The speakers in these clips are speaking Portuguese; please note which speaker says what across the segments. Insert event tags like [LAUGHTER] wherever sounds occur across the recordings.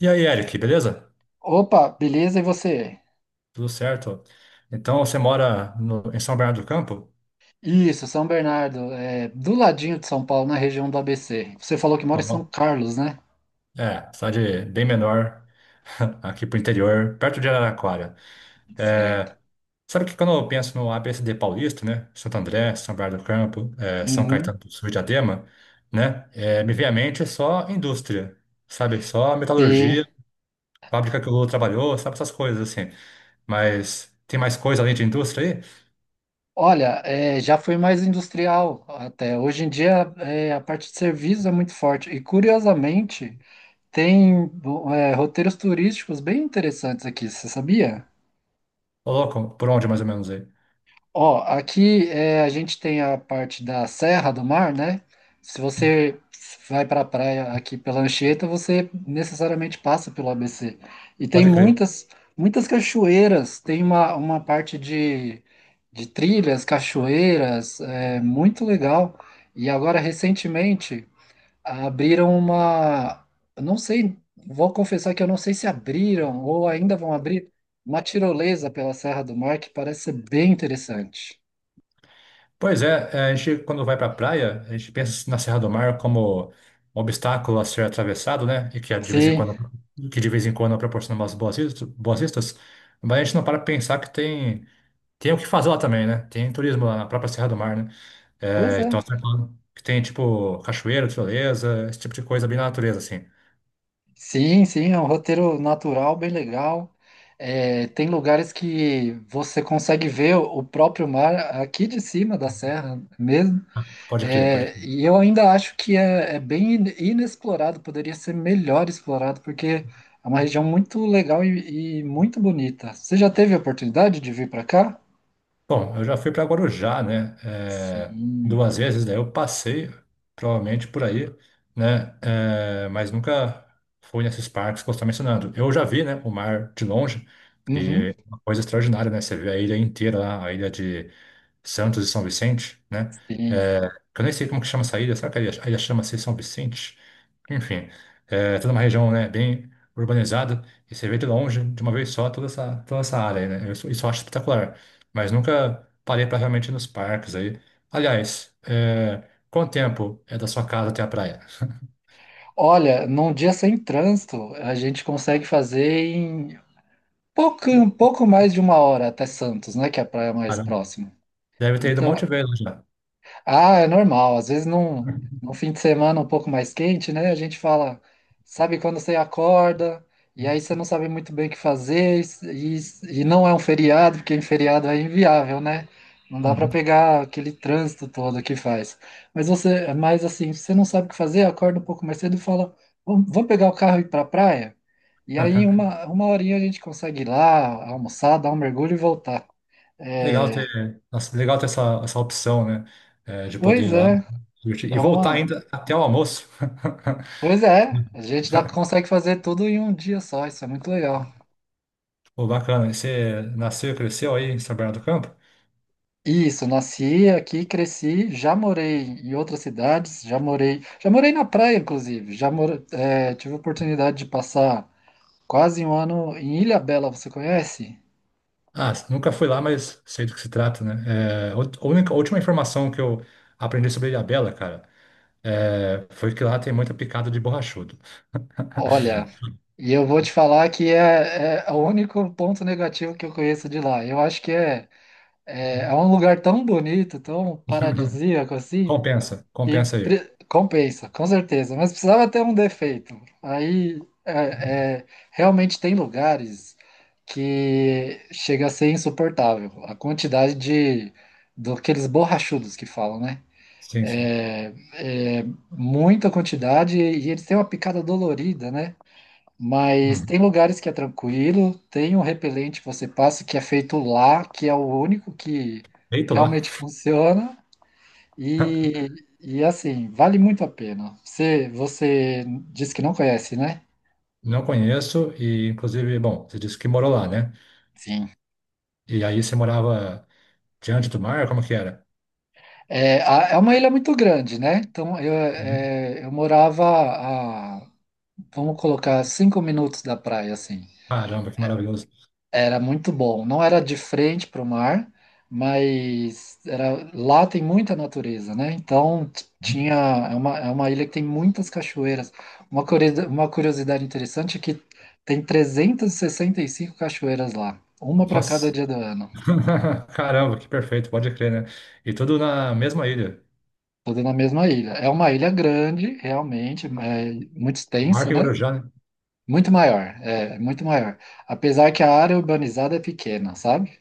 Speaker 1: E aí, Eric, beleza?
Speaker 2: Opa, beleza? E você?
Speaker 1: Tudo certo? Então, você mora em São Bernardo do Campo?
Speaker 2: Isso, São Bernardo, é do ladinho de São Paulo, na região do ABC. Você falou que mora
Speaker 1: Tá
Speaker 2: em São
Speaker 1: bom.
Speaker 2: Carlos, né?
Speaker 1: Cidade bem menor, [LAUGHS] aqui pro interior, perto de Araraquara.
Speaker 2: Certo.
Speaker 1: É, sabe que quando eu penso no ABCD paulista, né? Santo André, São Bernardo do Campo, São
Speaker 2: Uhum.
Speaker 1: Caetano do Sul e Diadema, né? Me vem à mente só indústria, sabe? Só
Speaker 2: Sim.
Speaker 1: metalurgia, fábrica que o Lula trabalhou, sabe? Essas coisas assim. Mas tem mais coisa além de indústria aí?
Speaker 2: Olha, já foi mais industrial até. Hoje em dia, a parte de serviços é muito forte. E curiosamente, tem, roteiros turísticos bem interessantes aqui, você sabia?
Speaker 1: Ô, louco, por onde mais ou menos aí?
Speaker 2: Ó, aqui a gente tem a parte da Serra do Mar, né? Se você vai para a praia aqui pela Anchieta, você necessariamente passa pelo ABC. E tem
Speaker 1: Pode crer.
Speaker 2: muitas, muitas cachoeiras, tem uma parte de trilhas, cachoeiras, é muito legal. E agora, recentemente, abriram uma. Eu não sei, vou confessar que eu não sei se abriram ou ainda vão abrir uma tirolesa pela Serra do Mar, que parece ser bem interessante.
Speaker 1: Pois é, a gente quando vai para a praia, a gente pensa assim na Serra do Mar como um obstáculo a ser atravessado, né? E que é de vez em
Speaker 2: Sim,
Speaker 1: quando, que de vez em quando proporciona umas boas vistas, mas a gente não para pra pensar que tem o que fazer lá também, né? Tem turismo lá na própria Serra do Mar, né?
Speaker 2: pois
Speaker 1: É, então você
Speaker 2: é.
Speaker 1: tá falando que tem tipo cachoeira, tirolesa, esse tipo de coisa bem na natureza, assim.
Speaker 2: Sim, sim, é um roteiro natural, bem legal. Tem lugares que você consegue ver o próprio mar aqui de cima da serra mesmo.
Speaker 1: Pode crer, pode
Speaker 2: E eu ainda acho que é bem inexplorado, poderia ser melhor explorado, porque é uma região
Speaker 1: crer.
Speaker 2: muito legal e muito bonita. Você já teve a oportunidade de vir para cá?
Speaker 1: Bom, eu já fui para Guarujá, né?
Speaker 2: Sim,
Speaker 1: Duas vezes, daí eu passei provavelmente por aí, né? Mas nunca fui nesses parques que você está mencionando. Eu já vi, né, o mar de longe
Speaker 2: uhum,
Speaker 1: e é uma coisa extraordinária, né? Você vê a ilha inteira lá, a ilha de Santos e São Vicente, né?
Speaker 2: sim.
Speaker 1: é, que eu nem sei como que chama essa ilha. Será que a ilha chama-se São Vicente? Enfim, é toda uma região, né, bem urbanizada e você vê de longe, de uma vez só, toda essa área aí, né? Eu Isso, isso eu acho espetacular. Mas nunca parei para realmente ir nos parques aí. Aliás, é, quanto tempo é da sua casa até a praia?
Speaker 2: Olha, num dia sem trânsito, a gente consegue fazer em pouco, um pouco mais de uma hora até Santos, né? Que é a praia mais
Speaker 1: Caramba,
Speaker 2: próxima.
Speaker 1: deve ter ido um
Speaker 2: Então,
Speaker 1: monte de vezes já.
Speaker 2: ah, é normal. Às vezes num fim de semana um pouco mais quente, né? A gente fala, sabe quando você acorda, e aí você não sabe muito bem o que fazer, e não é um feriado, porque em feriado é inviável, né? Não dá para
Speaker 1: Uhum.
Speaker 2: pegar aquele trânsito todo que faz. Mas você, mas assim, você não sabe o que fazer, acorda um pouco mais cedo e fala, vamos, vamos pegar o carro e ir para a praia? E aí
Speaker 1: [LAUGHS]
Speaker 2: uma horinha a gente consegue ir lá, almoçar, dar um mergulho e voltar.
Speaker 1: Legal
Speaker 2: É,
Speaker 1: ter, nossa, legal ter essa opção, né? É, de poder
Speaker 2: pois
Speaker 1: ir lá
Speaker 2: é,
Speaker 1: curtir e
Speaker 2: é
Speaker 1: voltar
Speaker 2: uma.
Speaker 1: ainda até o almoço. [LAUGHS]
Speaker 2: Pois é, a gente dá, consegue fazer tudo em um dia só, isso é muito legal.
Speaker 1: Pô, bacana. E você nasceu e cresceu aí em São Bernardo do Campo?
Speaker 2: Isso, nasci aqui, cresci, já morei em outras cidades, já morei na praia, inclusive, já moro, tive a oportunidade de passar quase um ano em Ilha Bela. Você conhece?
Speaker 1: Ah, nunca fui lá, mas sei do que se trata, né? É, a a última informação que eu aprendi sobre Ilhabela, cara, foi que lá tem muita picada de borrachudo.
Speaker 2: Olha, e eu vou te falar que é o único ponto negativo que eu conheço de lá. Eu acho que é, é,
Speaker 1: Uhum.
Speaker 2: é um lugar tão bonito, tão
Speaker 1: [LAUGHS]
Speaker 2: paradisíaco assim.
Speaker 1: Compensa,
Speaker 2: E
Speaker 1: compensa aí.
Speaker 2: compensa, com certeza. Mas precisava ter um defeito. Aí, realmente tem lugares que chega a ser insuportável. A quantidade de daqueles borrachudos que falam, né?
Speaker 1: Sim, sim.
Speaker 2: É, é muita quantidade e eles têm uma picada dolorida, né? Mas
Speaker 1: Hum.
Speaker 2: tem lugares que é tranquilo, tem um repelente que você passa que é feito lá, que é o único que
Speaker 1: Deito lá.
Speaker 2: realmente funciona.
Speaker 1: [LAUGHS]
Speaker 2: E, e assim, vale muito a pena. Você disse que não conhece, né?
Speaker 1: Não conheço e, inclusive, bom, você disse que morou lá, né?
Speaker 2: Sim.
Speaker 1: E aí você morava diante do mar? Como que era?
Speaker 2: É, é uma ilha muito grande, né? Então eu,
Speaker 1: Uhum.
Speaker 2: é, eu morava a, vamos colocar, 5 minutos da praia, assim.
Speaker 1: Caramba, que maravilhoso.
Speaker 2: Era muito bom. Não era de frente para o mar, mas era, lá tem muita natureza, né? Então
Speaker 1: Uhum.
Speaker 2: tinha é uma ilha que tem muitas cachoeiras. Uma curiosidade interessante é que tem 65 cachoeiras lá, uma para cada
Speaker 1: Nossa.
Speaker 2: dia do ano,
Speaker 1: [LAUGHS] Caramba, que perfeito, pode crer, né? E tudo na mesma ilha.
Speaker 2: toda na mesma ilha. É uma ilha grande, realmente, é muito extensa,
Speaker 1: Marca e
Speaker 2: né?
Speaker 1: Guarujá, né?
Speaker 2: Muito maior, é muito maior. Apesar que a área urbanizada é pequena, sabe?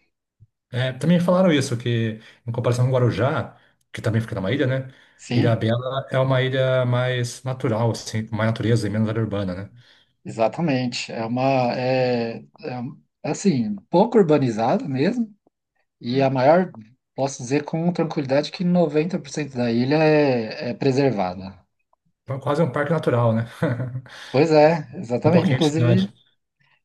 Speaker 1: É, também falaram isso, que em comparação com Guarujá, que também fica numa ilha, né? Ilha
Speaker 2: Sim,
Speaker 1: Bela é uma ilha mais natural, assim, com mais natureza e menos área urbana, né?
Speaker 2: exatamente. É uma é, é, um- é assim, pouco urbanizado mesmo, e a maior, posso dizer com tranquilidade que 90% da ilha é preservada.
Speaker 1: Então, quase um parque natural, né? [LAUGHS]
Speaker 2: Pois é,
Speaker 1: Um
Speaker 2: exatamente.
Speaker 1: pouquinho de
Speaker 2: Inclusive,
Speaker 1: cidade.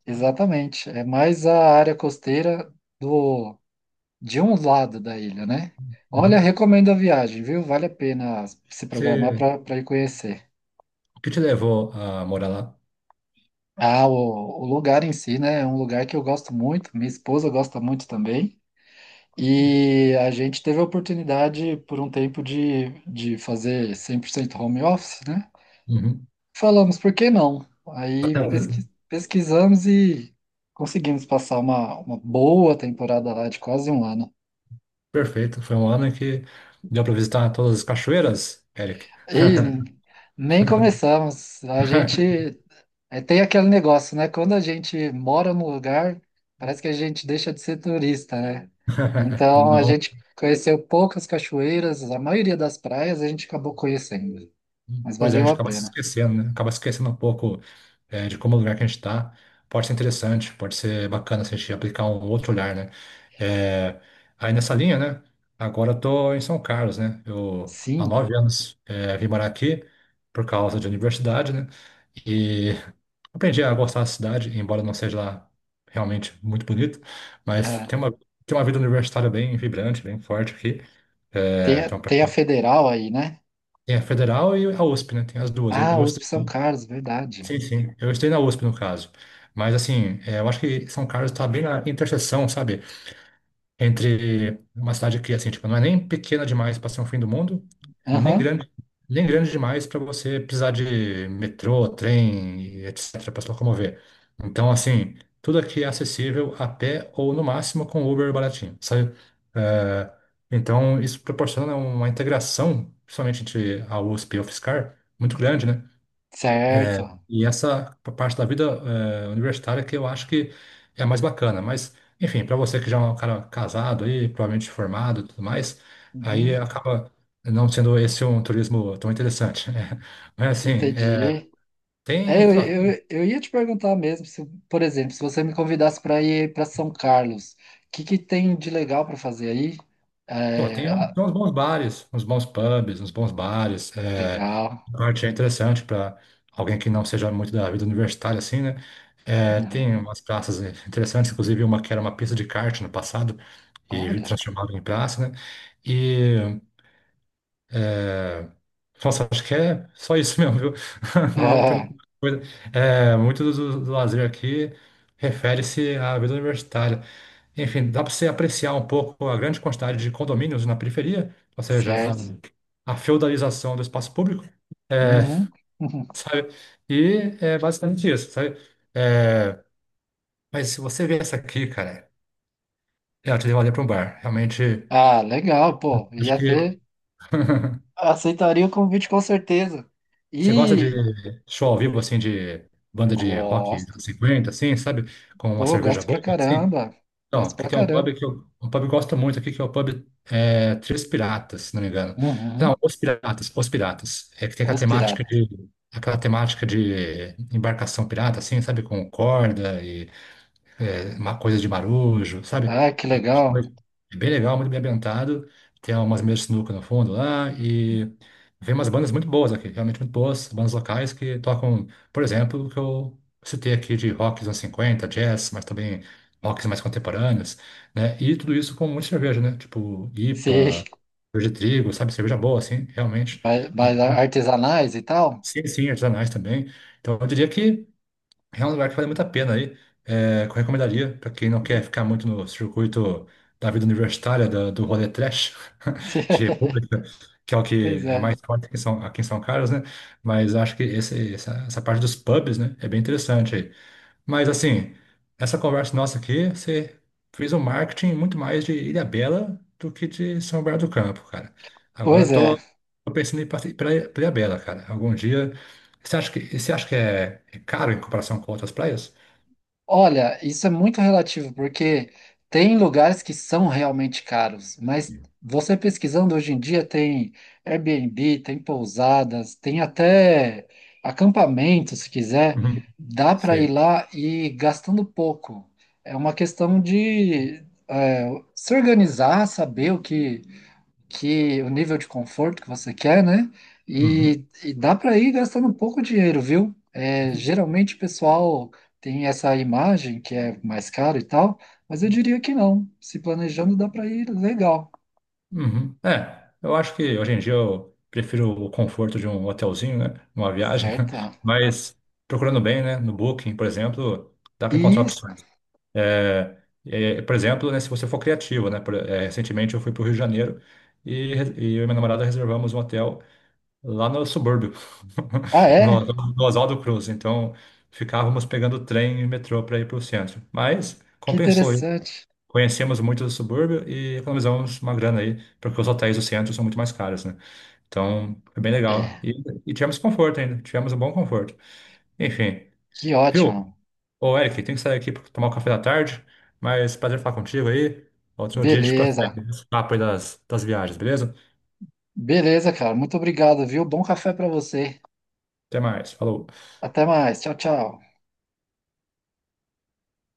Speaker 2: exatamente. É mais a área costeira do de um lado da ilha, né? Olha,
Speaker 1: Uhum.
Speaker 2: recomendo a viagem, viu? Vale a pena se programar
Speaker 1: Você,
Speaker 2: para ir conhecer.
Speaker 1: o que te levou a morar lá?
Speaker 2: Ah, o lugar em si, né? É um lugar que eu gosto muito, minha esposa gosta muito também. E a gente teve a oportunidade por um tempo de fazer 100% home office, né?
Speaker 1: Uhum.
Speaker 2: Falamos, por que não? Aí
Speaker 1: Então,
Speaker 2: pesquisamos e conseguimos passar uma boa temporada lá de quase um ano.
Speaker 1: perfeito. Foi um ano em que deu para visitar todas as cachoeiras, Eric.
Speaker 2: E nem
Speaker 1: [LAUGHS]
Speaker 2: começamos. A gente tem aquele negócio, né? Quando a gente mora num lugar, parece que a gente deixa de ser turista, né? Então a
Speaker 1: Não.
Speaker 2: gente conheceu poucas cachoeiras, a maioria das praias a gente acabou conhecendo. Mas
Speaker 1: Pois é, a
Speaker 2: valeu
Speaker 1: gente
Speaker 2: a
Speaker 1: acaba se
Speaker 2: pena.
Speaker 1: esquecendo, né? Acaba se esquecendo um pouco, é, de como o lugar que a gente está. Pode ser interessante, pode ser bacana se a gente aplicar um outro olhar, né? É, aí nessa linha, né? Agora eu tô em São Carlos, né? Eu há
Speaker 2: Sim,
Speaker 1: nove anos vim morar aqui por causa de universidade, né? E [LAUGHS] aprendi a gostar da cidade, embora não seja lá realmente muito bonito, mas
Speaker 2: é,
Speaker 1: tem uma vida universitária bem vibrante, bem forte aqui.
Speaker 2: tem,
Speaker 1: É,
Speaker 2: a-
Speaker 1: então,
Speaker 2: tem a federal aí, né?
Speaker 1: tem a federal e a USP, né? Tem as duas. Eu,
Speaker 2: Ah,
Speaker 1: eu
Speaker 2: USP São
Speaker 1: estudei
Speaker 2: Carlos, verdade.
Speaker 1: sim, sim. Eu estudei na USP, no caso. Mas, assim, é, eu acho que São Carlos está bem na interseção, sabe? Entre uma cidade que, assim, tipo, não é nem pequena demais para ser um fim do mundo, nem
Speaker 2: Aham,
Speaker 1: grande, nem grande demais para você precisar de metrô, trem, etc., para se locomover. Então, assim, tudo aqui é acessível a pé ou, no máximo, com Uber baratinho, sabe? É, então, isso proporciona uma integração, principalmente entre a USP e a UFSCar, muito grande, né? É,
Speaker 2: certo.
Speaker 1: e essa parte da vida universitária que eu acho que é a mais bacana. Mas, enfim, para você que já é um cara casado aí, provavelmente formado e tudo mais, aí
Speaker 2: Uhum,
Speaker 1: acaba não sendo esse um turismo tão interessante, né? [LAUGHS] Mas, assim, é,
Speaker 2: entendi. É,
Speaker 1: tem,
Speaker 2: eu,
Speaker 1: sei lá,
Speaker 2: eu ia te perguntar mesmo, se, por exemplo, se você me convidasse para ir para São Carlos, o que que tem de legal para fazer aí?
Speaker 1: pô,
Speaker 2: É, ah,
Speaker 1: tem uns bons bares, uns bons pubs, uns bons bares. É,
Speaker 2: legal.
Speaker 1: a parte é interessante para alguém que não seja muito da vida universitária, assim, né? É, tem
Speaker 2: Uhum,
Speaker 1: umas praças né, interessantes, inclusive uma que era uma pista de kart no passado e
Speaker 2: Olha.
Speaker 1: transformaram em praça, né? E, é, nossa, acho que é só isso mesmo, viu? [LAUGHS]
Speaker 2: [LAUGHS]
Speaker 1: Não tem
Speaker 2: É,
Speaker 1: muita coisa. É, muito do lazer aqui refere-se à vida universitária. Enfim, dá para você apreciar um pouco a grande quantidade de condomínios na periferia, ou seja,
Speaker 2: certo.
Speaker 1: a feudalização do espaço público, é,
Speaker 2: Uhum, uhum.
Speaker 1: sabe? E é basicamente isso, sabe? É, mas se você vê essa aqui, cara. É, eu te levaria para um bar. Realmente,
Speaker 2: Ah, legal, pô.
Speaker 1: acho
Speaker 2: Ia
Speaker 1: que
Speaker 2: ter. Aceitaria o convite com certeza.
Speaker 1: você gosta de
Speaker 2: E,
Speaker 1: show ao vivo, assim, de banda de rock dos
Speaker 2: gosto.
Speaker 1: anos 50, assim, sabe? Com uma
Speaker 2: Pô, eu
Speaker 1: cerveja
Speaker 2: gosto pra
Speaker 1: boa, assim.
Speaker 2: caramba.
Speaker 1: Então,
Speaker 2: Gosto
Speaker 1: que
Speaker 2: pra
Speaker 1: tem
Speaker 2: caramba.
Speaker 1: um pub que eu gosto muito aqui, que é o pub é, Três Piratas, se não me engano. Não,
Speaker 2: Uhum.
Speaker 1: Os Piratas, Os Piratas. É que tem
Speaker 2: Os piratas.
Speaker 1: aquela temática de embarcação pirata, assim, sabe? Com corda e é, uma coisa de marujo, sabe?
Speaker 2: Ah, que
Speaker 1: É
Speaker 2: legal.
Speaker 1: É bem legal, muito bem ambientado. Tem umas mesas de sinuca no fundo lá e vem umas bandas muito boas aqui, realmente muito boas, bandas locais que tocam, por exemplo, o que eu citei aqui de rock dos anos 50, jazz, mas também rocks mais contemporâneos, né? E tudo isso com muita cerveja, né? Tipo
Speaker 2: Sim.
Speaker 1: IPA, cerveja de trigo, sabe? Cerveja boa, assim, realmente.
Speaker 2: Mas
Speaker 1: Então,
Speaker 2: artesanais e tal?
Speaker 1: sim, sim, artesanais também. Então, eu diria que é um lugar que vale muito a pena aí. É, que eu recomendaria para quem não quer ficar muito no circuito da vida universitária, do rolê trash
Speaker 2: [LAUGHS]
Speaker 1: [LAUGHS] de
Speaker 2: Sim.
Speaker 1: República, que é o
Speaker 2: Pois
Speaker 1: que é
Speaker 2: é.
Speaker 1: mais forte aqui em aqui em São Carlos, né? Mas acho que essa parte dos pubs, né, é bem interessante, mas assim, essa conversa nossa aqui, você fez um marketing muito mais de Ilhabela do que de São Bernardo do Campo, cara. Agora
Speaker 2: Pois
Speaker 1: eu tô,
Speaker 2: é.
Speaker 1: Tô pensando em ir para Ilhabela, cara. Algum dia. Você acha que é, é caro em comparação com outras praias?
Speaker 2: Olha, isso é muito relativo, porque tem lugares que são realmente caros, mas você pesquisando hoje em dia tem Airbnb, tem pousadas, tem até acampamento, se quiser,
Speaker 1: Uhum.
Speaker 2: dá para ir
Speaker 1: Sei.
Speaker 2: lá e gastando pouco. É uma questão de se organizar, saber o que que o nível de conforto que você quer, né?
Speaker 1: Uhum.
Speaker 2: E dá para ir gastando um pouco de dinheiro, viu? É, geralmente o pessoal tem essa imagem que é mais caro e tal, mas eu diria que não. Se planejando, dá para ir legal,
Speaker 1: Uhum. É, eu acho que hoje em dia eu prefiro o conforto de um hotelzinho, né? Uma viagem,
Speaker 2: certo?
Speaker 1: [LAUGHS] mas procurando bem, né? No Booking, por exemplo, dá para encontrar
Speaker 2: Isso.
Speaker 1: opções. É, é, por exemplo, né, se você for criativo, né? É, recentemente eu fui para o Rio de Janeiro e eu e minha namorada reservamos um hotel lá no subúrbio,
Speaker 2: Ah,
Speaker 1: [LAUGHS] no,
Speaker 2: é?
Speaker 1: no Oswaldo Cruz. Então, ficávamos pegando trem e metrô para ir para o centro. Mas
Speaker 2: Que
Speaker 1: compensou. Hein?
Speaker 2: interessante.
Speaker 1: Conhecemos muito do subúrbio e economizamos uma grana aí, porque os hotéis do centro são muito mais caros, né? Então, foi bem legal.
Speaker 2: É,
Speaker 1: E tivemos conforto ainda, tivemos um bom conforto. Enfim,
Speaker 2: que
Speaker 1: viu?
Speaker 2: ótimo.
Speaker 1: Ô, Eric, tem que sair aqui para tomar o café da tarde, mas prazer falar contigo aí. Outro dia a gente
Speaker 2: Beleza.
Speaker 1: prossegue esse papo aí das viagens, beleza?
Speaker 2: Beleza, cara. Muito obrigado, viu? Bom café para você.
Speaker 1: Até mais, falou.
Speaker 2: Até mais. Tchau, tchau.